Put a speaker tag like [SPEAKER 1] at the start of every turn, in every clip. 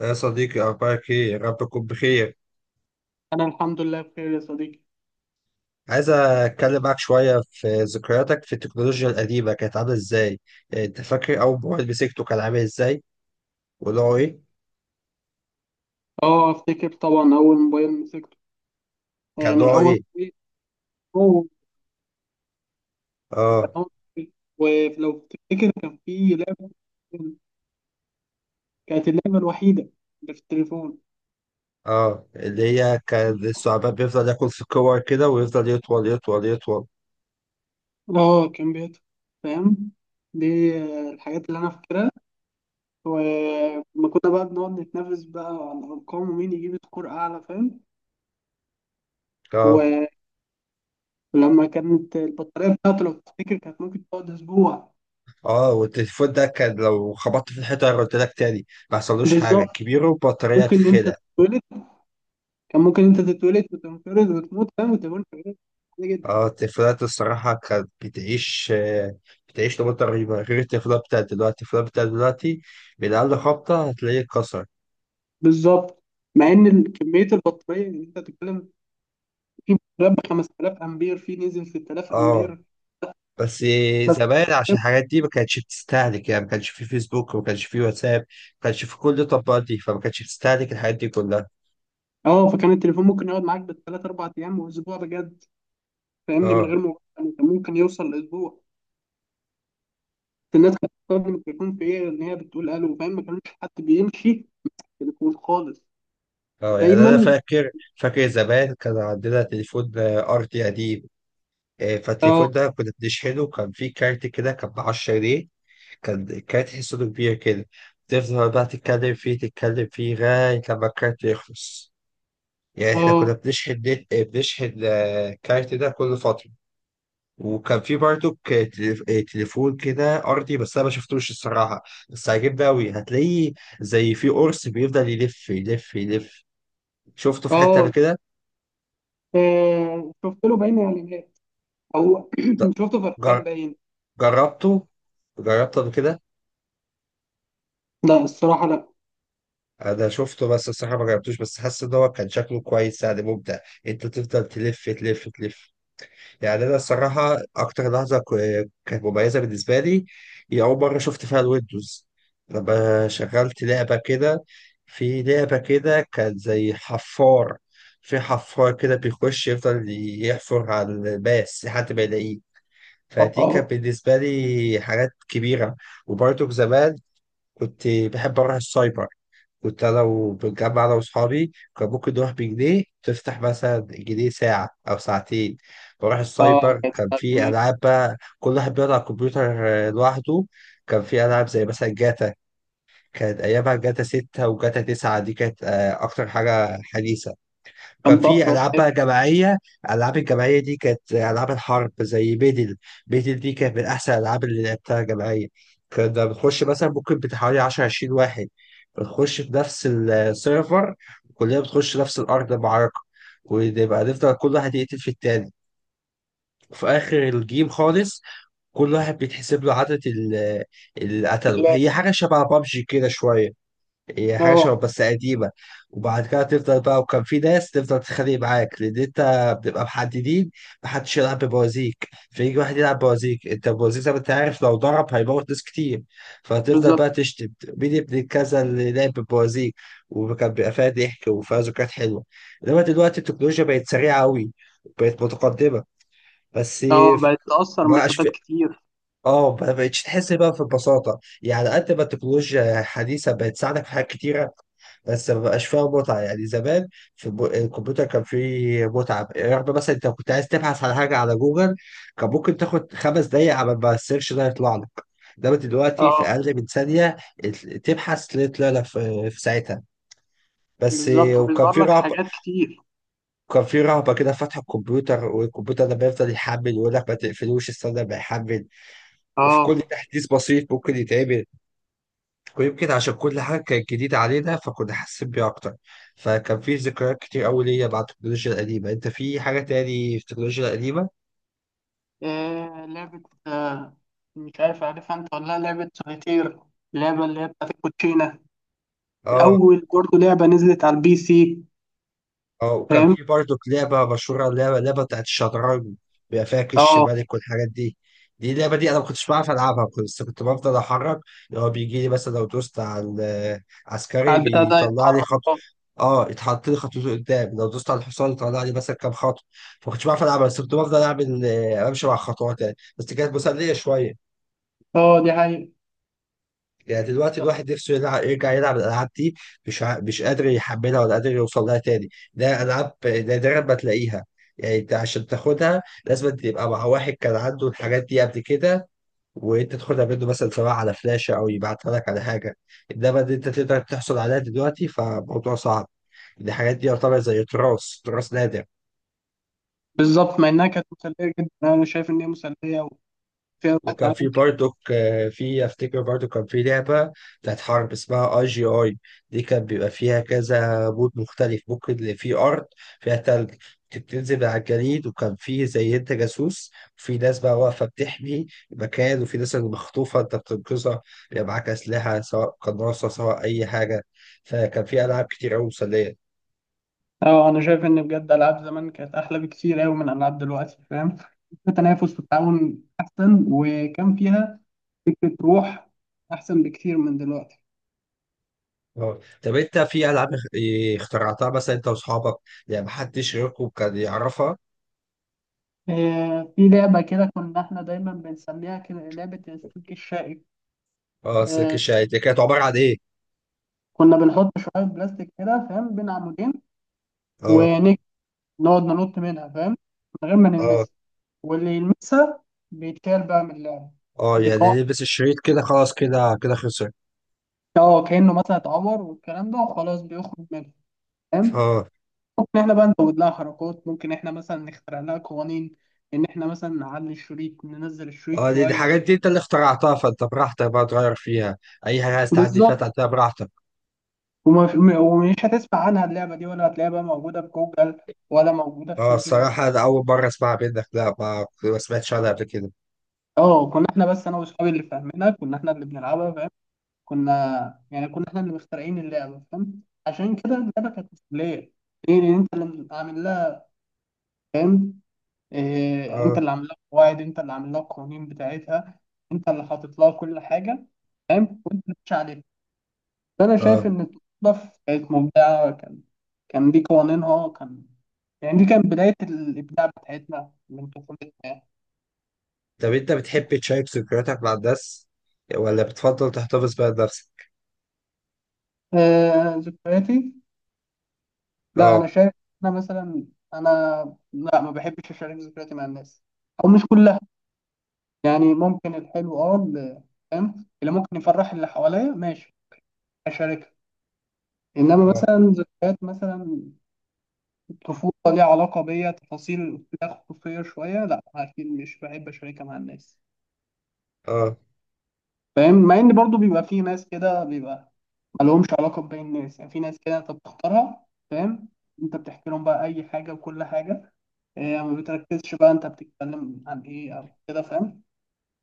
[SPEAKER 1] يا صديقي أخبارك إيه؟ يا رب تكون بخير،
[SPEAKER 2] انا الحمد لله بخير يا صديقي.
[SPEAKER 1] عايز أتكلم معاك شوية في ذكرياتك في التكنولوجيا القديمة. كانت عاملة إزاي؟ يعني أنت فاكر أول موبايل مسكته كان عامل إزاي؟ ونوعه إيه؟
[SPEAKER 2] اه افتكر طبعا اول موبايل مسكته.
[SPEAKER 1] كان
[SPEAKER 2] يعني
[SPEAKER 1] نوعه
[SPEAKER 2] اول
[SPEAKER 1] إيه؟
[SPEAKER 2] موبايل هو كان
[SPEAKER 1] آه.
[SPEAKER 2] موبايل. ولو تفتكر كان في لعبه، كانت اللعبه الوحيده اللي في التليفون.
[SPEAKER 1] آه، اللي هي كان الثعبان بيفضل ياكل في الكور كده ويفضل يطول يطول يطول.
[SPEAKER 2] اه كان بيت، فاهم دي. الحاجات اللي انا فاكرها. ولما كنا بقى بنقعد نتنافس بقى على الارقام ومين يجيب سكور اعلى، فاهم.
[SPEAKER 1] آه.
[SPEAKER 2] ولما كانت البطاريه بتاعته، لو تفتكر، كانت ممكن تقعد اسبوع.
[SPEAKER 1] آه، والتليفون ده كان لو خبطت في الحيطة قلت لك تاني ما حصلوش حاجة،
[SPEAKER 2] بالظبط.
[SPEAKER 1] كبير وبطارية
[SPEAKER 2] ممكن انت
[SPEAKER 1] تتخلع.
[SPEAKER 2] تتولد كان ممكن انت تتولد وتنقرض وتموت، فاهم، وتكون حاجه عادية جدا.
[SPEAKER 1] اه، التليفونات الصراحة كانت بتعيش، بتعيش نمط رهيبة، غير التليفونات بتاعت دلوقتي. التليفونات بتاعت دلوقتي من أقل خبطة هتلاقيه اتكسر.
[SPEAKER 2] بالظبط، مع ان كميه البطاريه اللي انت بتتكلم في بطاريات ب 5000 امبير، في نزل 6000
[SPEAKER 1] اه.
[SPEAKER 2] امبير
[SPEAKER 1] بس
[SPEAKER 2] بس.
[SPEAKER 1] زمان عشان الحاجات دي ما كانتش بتستهلك، يعني ما كانش في فيسبوك وما كانش في واتساب ما كانش في كل التطبيقات دي، فما كانتش بتستهلك الحاجات دي كلها.
[SPEAKER 2] اه فكان التليفون ممكن يقعد معاك بالثلاث اربع ايام واسبوع بجد، فاهمني، من غير
[SPEAKER 1] اه.
[SPEAKER 2] مبالغه. يعني كان ممكن يوصل لاسبوع. الناس كانت بتستخدم التليفون في ايه؟ ان هي بتقول الو، فاهم. ما كانش حد بيمشي تليفون خالص
[SPEAKER 1] اه، يعني أنا
[SPEAKER 2] دايما.
[SPEAKER 1] فاكر زمان كان عندنا تليفون أرضي قديم. آه،
[SPEAKER 2] اه
[SPEAKER 1] فالتليفون ده كنا بنشحنه، كان فيه كارت كده كان ب 10 جنيه. كانت حصته كبيرة كده. تفضل بقى تتكلم فيه تتكلم فيه لغاية لما الكارت يخلص. يعني احنا كنا
[SPEAKER 2] اه
[SPEAKER 1] بنشحن نت، بنشحن الكارت ده كل فترة. وكان في برضو تليفون كده أرضي بس أنا ما شفتوش الصراحة. بس عجبني أوي، هتلاقيه زي في قرص بيفضل يلف يلف يلف. شفته في حتة قبل
[SPEAKER 2] اه
[SPEAKER 1] كده.
[SPEAKER 2] شفت له باين اعلانات، او شفته فرحان
[SPEAKER 1] جر-
[SPEAKER 2] باين.
[SPEAKER 1] جربته جربته قبل كده.
[SPEAKER 2] لا الصراحة لا.
[SPEAKER 1] انا شفته بس الصراحه ما جربتوش، بس حاسس ان هو كان شكله كويس يعني ممتع. انت تفضل تلف تلف تلف. يعني انا الصراحه اكتر لحظه كانت مميزه بالنسبه لي هي اول مره شفت فيها الويندوز، لما شغلت لعبه كده. في لعبه كده كان زي حفار. في حفار كده بيخش يفضل يحفر على الماس لحد ما يلاقيه.
[SPEAKER 2] اه
[SPEAKER 1] فدي
[SPEAKER 2] اه.
[SPEAKER 1] كانت بالنسبه لي حاجات كبيره. وبرضه زمان كنت بحب اروح السايبر. كنت انا وبنجمع انا واصحابي، كان ممكن نروح بجنيه، تفتح مثلا جنيه ساعه او ساعتين. بروح السايبر
[SPEAKER 2] كانت
[SPEAKER 1] كان
[SPEAKER 2] 7
[SPEAKER 1] في
[SPEAKER 2] جنيه
[SPEAKER 1] العاب، بقى كل واحد بيقعد على الكمبيوتر لوحده. كان في العاب زي مثلا جاتا. كانت ايامها جاتا 6 وجاتا 9، دي كانت اكتر حاجه حديثه. وكان
[SPEAKER 2] كان
[SPEAKER 1] في
[SPEAKER 2] طفرة
[SPEAKER 1] العاب
[SPEAKER 2] استاذ.
[SPEAKER 1] بقى جماعيه. الالعاب الجماعيه دي كانت العاب الحرب زي بيدل دي كانت من احسن الالعاب اللي لعبتها جماعيه. كنا بنخش مثلا ممكن بتاع حوالي 10 20 واحد بنخش في نفس السيرفر. كلنا بتخش نفس الارض المعركه ونبقى نفضل كل واحد يقتل في التاني. وفي اخر الجيم خالص كل واحد بيتحسب له عدد اللي قتله.
[SPEAKER 2] بالله.
[SPEAKER 1] هي حاجه شبه بابجي كده شويه. هي حاجة
[SPEAKER 2] اه.
[SPEAKER 1] شبه بس قديمة. وبعد كده تفضل بقى، وكان في ناس تفضل تتخانق معاك لأن أنت بتبقى محددين. محدش يلعب ببوازيك، فيجي واحد يلعب بوازيك. أنت البوازيك زي ما أنت عارف لو ضرب هيموت ناس كتير، فتفضل
[SPEAKER 2] بالظبط.
[SPEAKER 1] بقى تشتم مين ابن كذا اللي لعب ببوازيك. وكان بيبقى فيها ضحك وفيها ذكريات حلوة. إنما دلوقتي التكنولوجيا بقت سريعة أوي، بقت متقدمة. بس
[SPEAKER 2] اه بقت تأثر
[SPEAKER 1] مبقاش
[SPEAKER 2] مسافات كتير.
[SPEAKER 1] اه ما بقتش تحس بقى في البساطة، يعني قد ما التكنولوجيا الحديثة بقت تساعدك في حاجات كتيرة بس ما بقاش فيها متعة. يعني زمان في الكمبيوتر كان فيه متعة، رغم مثلا انت كنت عايز تبحث على حاجة على جوجل كان ممكن تاخد خمس دقايق على ما السيرش ده يطلع لك، انما دلوقتي في
[SPEAKER 2] اه
[SPEAKER 1] اقل من ثانية تبحث تلاقي طلع لك في ساعتها. بس
[SPEAKER 2] بالظبط،
[SPEAKER 1] وكان
[SPEAKER 2] وبيظهر
[SPEAKER 1] في
[SPEAKER 2] لك
[SPEAKER 1] رهبة.
[SPEAKER 2] حاجات كتير.
[SPEAKER 1] كان في رهبة كده فتح الكمبيوتر، والكمبيوتر لما يفضل يحمل يقول لك ما تقفلوش استنى ما يحمل. وفي كل
[SPEAKER 2] اه
[SPEAKER 1] تحديث بسيط ممكن يتعمل. ويمكن عشان كل حاجة كانت جديدة علينا فكنا حاسين بيها أكتر. فكان في ذكريات كتير أوي ليا مع التكنولوجيا القديمة. أنت في حاجة تاني في التكنولوجيا القديمة؟
[SPEAKER 2] لعبة. مش عارف، عارفها انت ولا لا؟ لعبة سوليتير، اللعبة اللي هي بتاعت الكوتشينة.
[SPEAKER 1] آه.
[SPEAKER 2] أول برضه لعبة نزلت على البي سي.
[SPEAKER 1] اه، وكان
[SPEAKER 2] فاهم.
[SPEAKER 1] في برضه لعبة مشهورة، لعبة بتاعت الشطرنج بيبقى فيها كش
[SPEAKER 2] اه
[SPEAKER 1] ملك والحاجات دي. اللعبة دي أنا ما كنتش بعرف ألعبها. بس كنت بفضل أحرك اللي هو بيجي لي. مثلا لو دوست على
[SPEAKER 2] على
[SPEAKER 1] العسكري
[SPEAKER 2] البتاع ده
[SPEAKER 1] بيطلع لي
[SPEAKER 2] يتحرك،
[SPEAKER 1] خط،
[SPEAKER 2] اه.
[SPEAKER 1] اه، يتحط لي خطوته قدام. لو دوست على الحصان يطلع لي مثلا كام خطوة. فما كنتش بعرف ألعبها، بس كنت بفضل أعمل أمشي مع خطوات يعني. بس كانت مسلية شوية.
[SPEAKER 2] اه دي حقيقة.
[SPEAKER 1] يعني دلوقتي الواحد نفسه يلعب، يرجع يلعب الالعاب دي مش قادر يحملها ولا قادر يوصل لها تاني. ده العاب نادرا ما تلاقيها. يعني انت عشان تاخدها لازم تبقى مع واحد كان عنده الحاجات دي قبل كده وانت تاخدها منه، مثلا سواء على فلاشه او يبعتها لك على حاجه. انما ان انت تقدر تحصل عليها دلوقتي فموضوع صعب. الحاجات دي يعتبر زي تراث، تراث نادر.
[SPEAKER 2] بالظبط، مع إنها كانت مسلية جدا. أنا شايف إن هي مسلية وفيها روح
[SPEAKER 1] وكان في
[SPEAKER 2] تعاون.
[SPEAKER 1] برضك آه، في افتكر برضو كان في لعبة بتاعت حرب اسمها اي جي اي. دي كان بيبقى فيها كذا بود مختلف، ممكن اللي فيه ارض فيها تلج كنت بتنزل على الجليد، وكان فيه زي انت جاسوس وفي ناس بقى واقفة بتحمي المكان وفي ناس اللي مخطوفة انت بتنقذها. بيبقى معاك أسلحة سواء قناصة سواء أي حاجة. فكان في ألعاب كتير أوي مسلية.
[SPEAKER 2] اه انا شايف ان بجد العاب زمان كانت احلى بكتير قوي من العاب دلوقتي، فاهم. في تنافس والتعاون احسن، وكان فيها فكره روح احسن بكتير من دلوقتي.
[SPEAKER 1] اه، طب انت في ألعاب اخترعتها مثلا انت واصحابك؟ يعني محدش غيركم كان يعرفها.
[SPEAKER 2] آه، في لعبه كده كنا احنا دايما بنسميها كده لعبه السلك الشائك.
[SPEAKER 1] اه، السلك
[SPEAKER 2] آه،
[SPEAKER 1] الشاي دي كانت عبارة عن ايه؟
[SPEAKER 2] كنا بنحط شويه بلاستيك كده، فاهم، بين عمودين.
[SPEAKER 1] اه.
[SPEAKER 2] ونك نقعد ننط منها، فاهم، من غير ما
[SPEAKER 1] اه.
[SPEAKER 2] نلمسها. واللي يلمسها بيتكال بقى من اللعبه.
[SPEAKER 1] اه،
[SPEAKER 2] دي
[SPEAKER 1] يعني
[SPEAKER 2] قاعده.
[SPEAKER 1] لبس الشريط كده خلاص، كده كده خسر.
[SPEAKER 2] اه، كانه مثلا اتعور والكلام ده، وخلاص بيخرج منها، فاهم.
[SPEAKER 1] اه.
[SPEAKER 2] ممكن احنا بقى نزود لها حركات، ممكن احنا مثلا نخترع لها قوانين، ان احنا مثلا نعلي الشريط، ننزل
[SPEAKER 1] اه،
[SPEAKER 2] الشريط
[SPEAKER 1] دي
[SPEAKER 2] شويه.
[SPEAKER 1] حاجات دي انت اللي اخترعتها فانت براحتك بقى تغير فيها. اي حاجة عايز تعدي فيها
[SPEAKER 2] بالظبط.
[SPEAKER 1] تعديها براحتك.
[SPEAKER 2] ومش هتسمع عنها اللعبه دي، ولا هتلاقيها بقى موجوده في جوجل، ولا موجوده في
[SPEAKER 1] اه،
[SPEAKER 2] شات جي بي تي.
[SPEAKER 1] الصراحة ده أول مرة أسمعها منك، لا ما سمعتش عنها قبل كده.
[SPEAKER 2] اه كنا احنا بس انا واصحابي اللي فاهمينها. كنا احنا اللي بنلعبها، فاهم. كنا يعني كنا احنا اللي مخترعين اللعبه، فاهم. عشان كده اللعبه كانت مسليه. ايه اللي انت اللي عامل لها، فاهم. إيه، انت
[SPEAKER 1] اه.
[SPEAKER 2] اللي عامل لها قواعد، انت اللي عامل لها القوانين بتاعتها، انت اللي حاطط لها كل حاجه، فاهم. وانت اللي ماشي عليها. فانا شايف
[SPEAKER 1] اه،
[SPEAKER 2] ان التنظيف كانت مبدعه. كان كان دي قوانينها يعني دي كانت بدايه الابداع بتاعتنا من طفولتنا يعني.
[SPEAKER 1] طب انت بتحب تشارك ذكرياتك مع الناس ولا بتفضل تحتفظ بيها لنفسك؟
[SPEAKER 2] آه ذكرياتي. لا انا
[SPEAKER 1] اه.
[SPEAKER 2] شايف. انا مثلا انا لا، ما بحبش اشارك ذكرياتي مع الناس، او مش كلها. يعني ممكن الحلو، اه فاهم، اللي ممكن يفرح اللي حواليا، ماشي، اشارك. انما
[SPEAKER 1] اه.
[SPEAKER 2] مثلا ذكريات مثلا الطفوله، ليها علاقه بيا، تفاصيل فيها خصوصيه شويه، لا اكيد مش بحب اشاركها مع الناس،
[SPEAKER 1] اه.
[SPEAKER 2] فاهم. مع ان برضو بيبقى في ناس كده، بيبقى ما لهمش علاقه بباقي الناس. يعني في ناس كده انت بتختارها، فاهم. انت بتحكي لهم بقى اي حاجه وكل حاجه. إيه، ما بتركزش بقى انت بتتكلم عن ايه او كده، فاهم.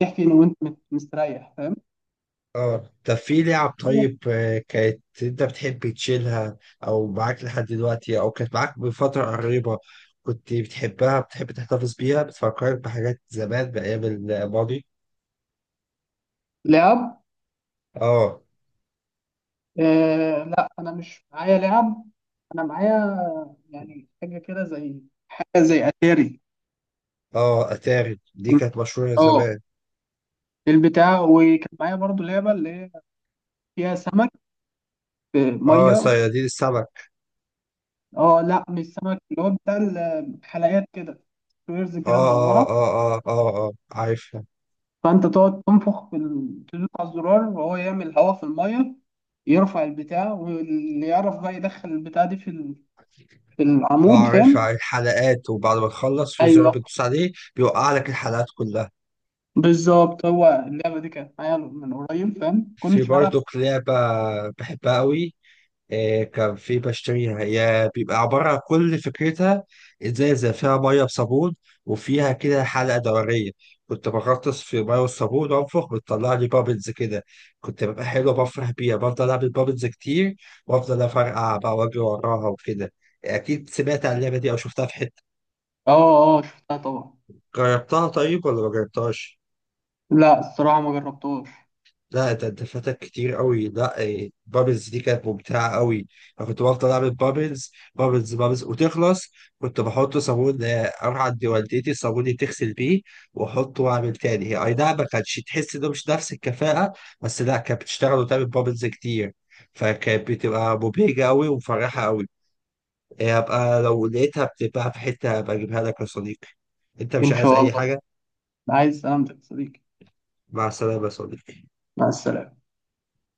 [SPEAKER 2] تحكي إن وانت مستريح، فاهم.
[SPEAKER 1] اه، طب في لعب طيب، كانت انت بتحب تشيلها او معاك لحد دلوقتي او كانت معاك بفترة قريبة، كنت بتحبها بتحب تحتفظ بيها، بتفكرك بحاجات زمان بأيام الماضي.
[SPEAKER 2] لعب
[SPEAKER 1] اه.
[SPEAKER 2] إيه؟ لا، انا مش معايا لعب. انا معايا يعني حاجه كده زي، حاجه زي اتاري.
[SPEAKER 1] اه، اتاري دي كانت مشهورة
[SPEAKER 2] اه
[SPEAKER 1] زمان.
[SPEAKER 2] البتاع. وكان معايا برضو لعبة اللي هي فيها سمك، آه،
[SPEAKER 1] اه،
[SPEAKER 2] مية.
[SPEAKER 1] صيادين السمك.
[SPEAKER 2] اه لا، مش سمك. اللي هو بتاع الحلقات كده، سكويرز كده
[SPEAKER 1] اه.
[SPEAKER 2] مدورة.
[SPEAKER 1] اه. اه. اه. اه, آه. عارفها.
[SPEAKER 2] فأنت تقعد تنفخ في تدوس على الزرار وهو يعمل هواء في المية، يرفع البتاع. واللي يعرف بقى يدخل البتاع دي في في
[SPEAKER 1] اه،
[SPEAKER 2] العمود،
[SPEAKER 1] عارفها.
[SPEAKER 2] فاهم.
[SPEAKER 1] عارف الحلقات وبعد ما تخلص في زرار
[SPEAKER 2] ايوه،
[SPEAKER 1] بتدوس عليه بيوقع لك الحلقات كلها.
[SPEAKER 2] بالظبط. هو اللعبة دي كانت معايا من قريب، فاهم،
[SPEAKER 1] في
[SPEAKER 2] كنتش بلعب.
[SPEAKER 1] برضو لعبة بحبها قوي. آه، كان في بشتريها، هي بيبقى عبارة عن كل فكرتها إزازة فيها مية بصابون وفيها كده حلقة دورية. كنت بغطس في مية والصابون وأنفخ، بتطلع لي بابلز كده. كنت ببقى حلو بفرح بيها، بفضل أعمل بابلز كتير وأفضل أفرقع بقى وأجري وراها وكده. أكيد سمعت عن اللعبة دي أو شفتها في حتة.
[SPEAKER 2] اه اه شفتها طبعا.
[SPEAKER 1] جربتها طيب ولا ما جربتهاش؟
[SPEAKER 2] لا الصراحة ما جربتهاش.
[SPEAKER 1] لا ده انت فاتك كتير قوي. لا إيه، بابلز دي كانت ممتعه قوي. انا كنت بفضل اعمل بابلز بابلز بابلز وتخلص. كنت بحط صابون اروح عند والدتي الصابون اللي تغسل بيه واحطه واعمل تاني، هي اي نعم ما كانتش تحس انه مش نفس الكفاءه، بس لا كانت بتشتغل وتعمل بابلز كتير. فكانت بتبقى مبهجه قوي ومفرحه قوي. إيه، هبقى لو لقيتها بتبقى في حته هبقى اجيبها لك يا صديقي. انت مش
[SPEAKER 2] ان
[SPEAKER 1] عايز
[SPEAKER 2] شاء
[SPEAKER 1] اي
[SPEAKER 2] الله.
[SPEAKER 1] حاجه؟
[SPEAKER 2] عايز سلامتك يا صديقي.
[SPEAKER 1] مع السلامه يا صديقي.
[SPEAKER 2] مع السلامة.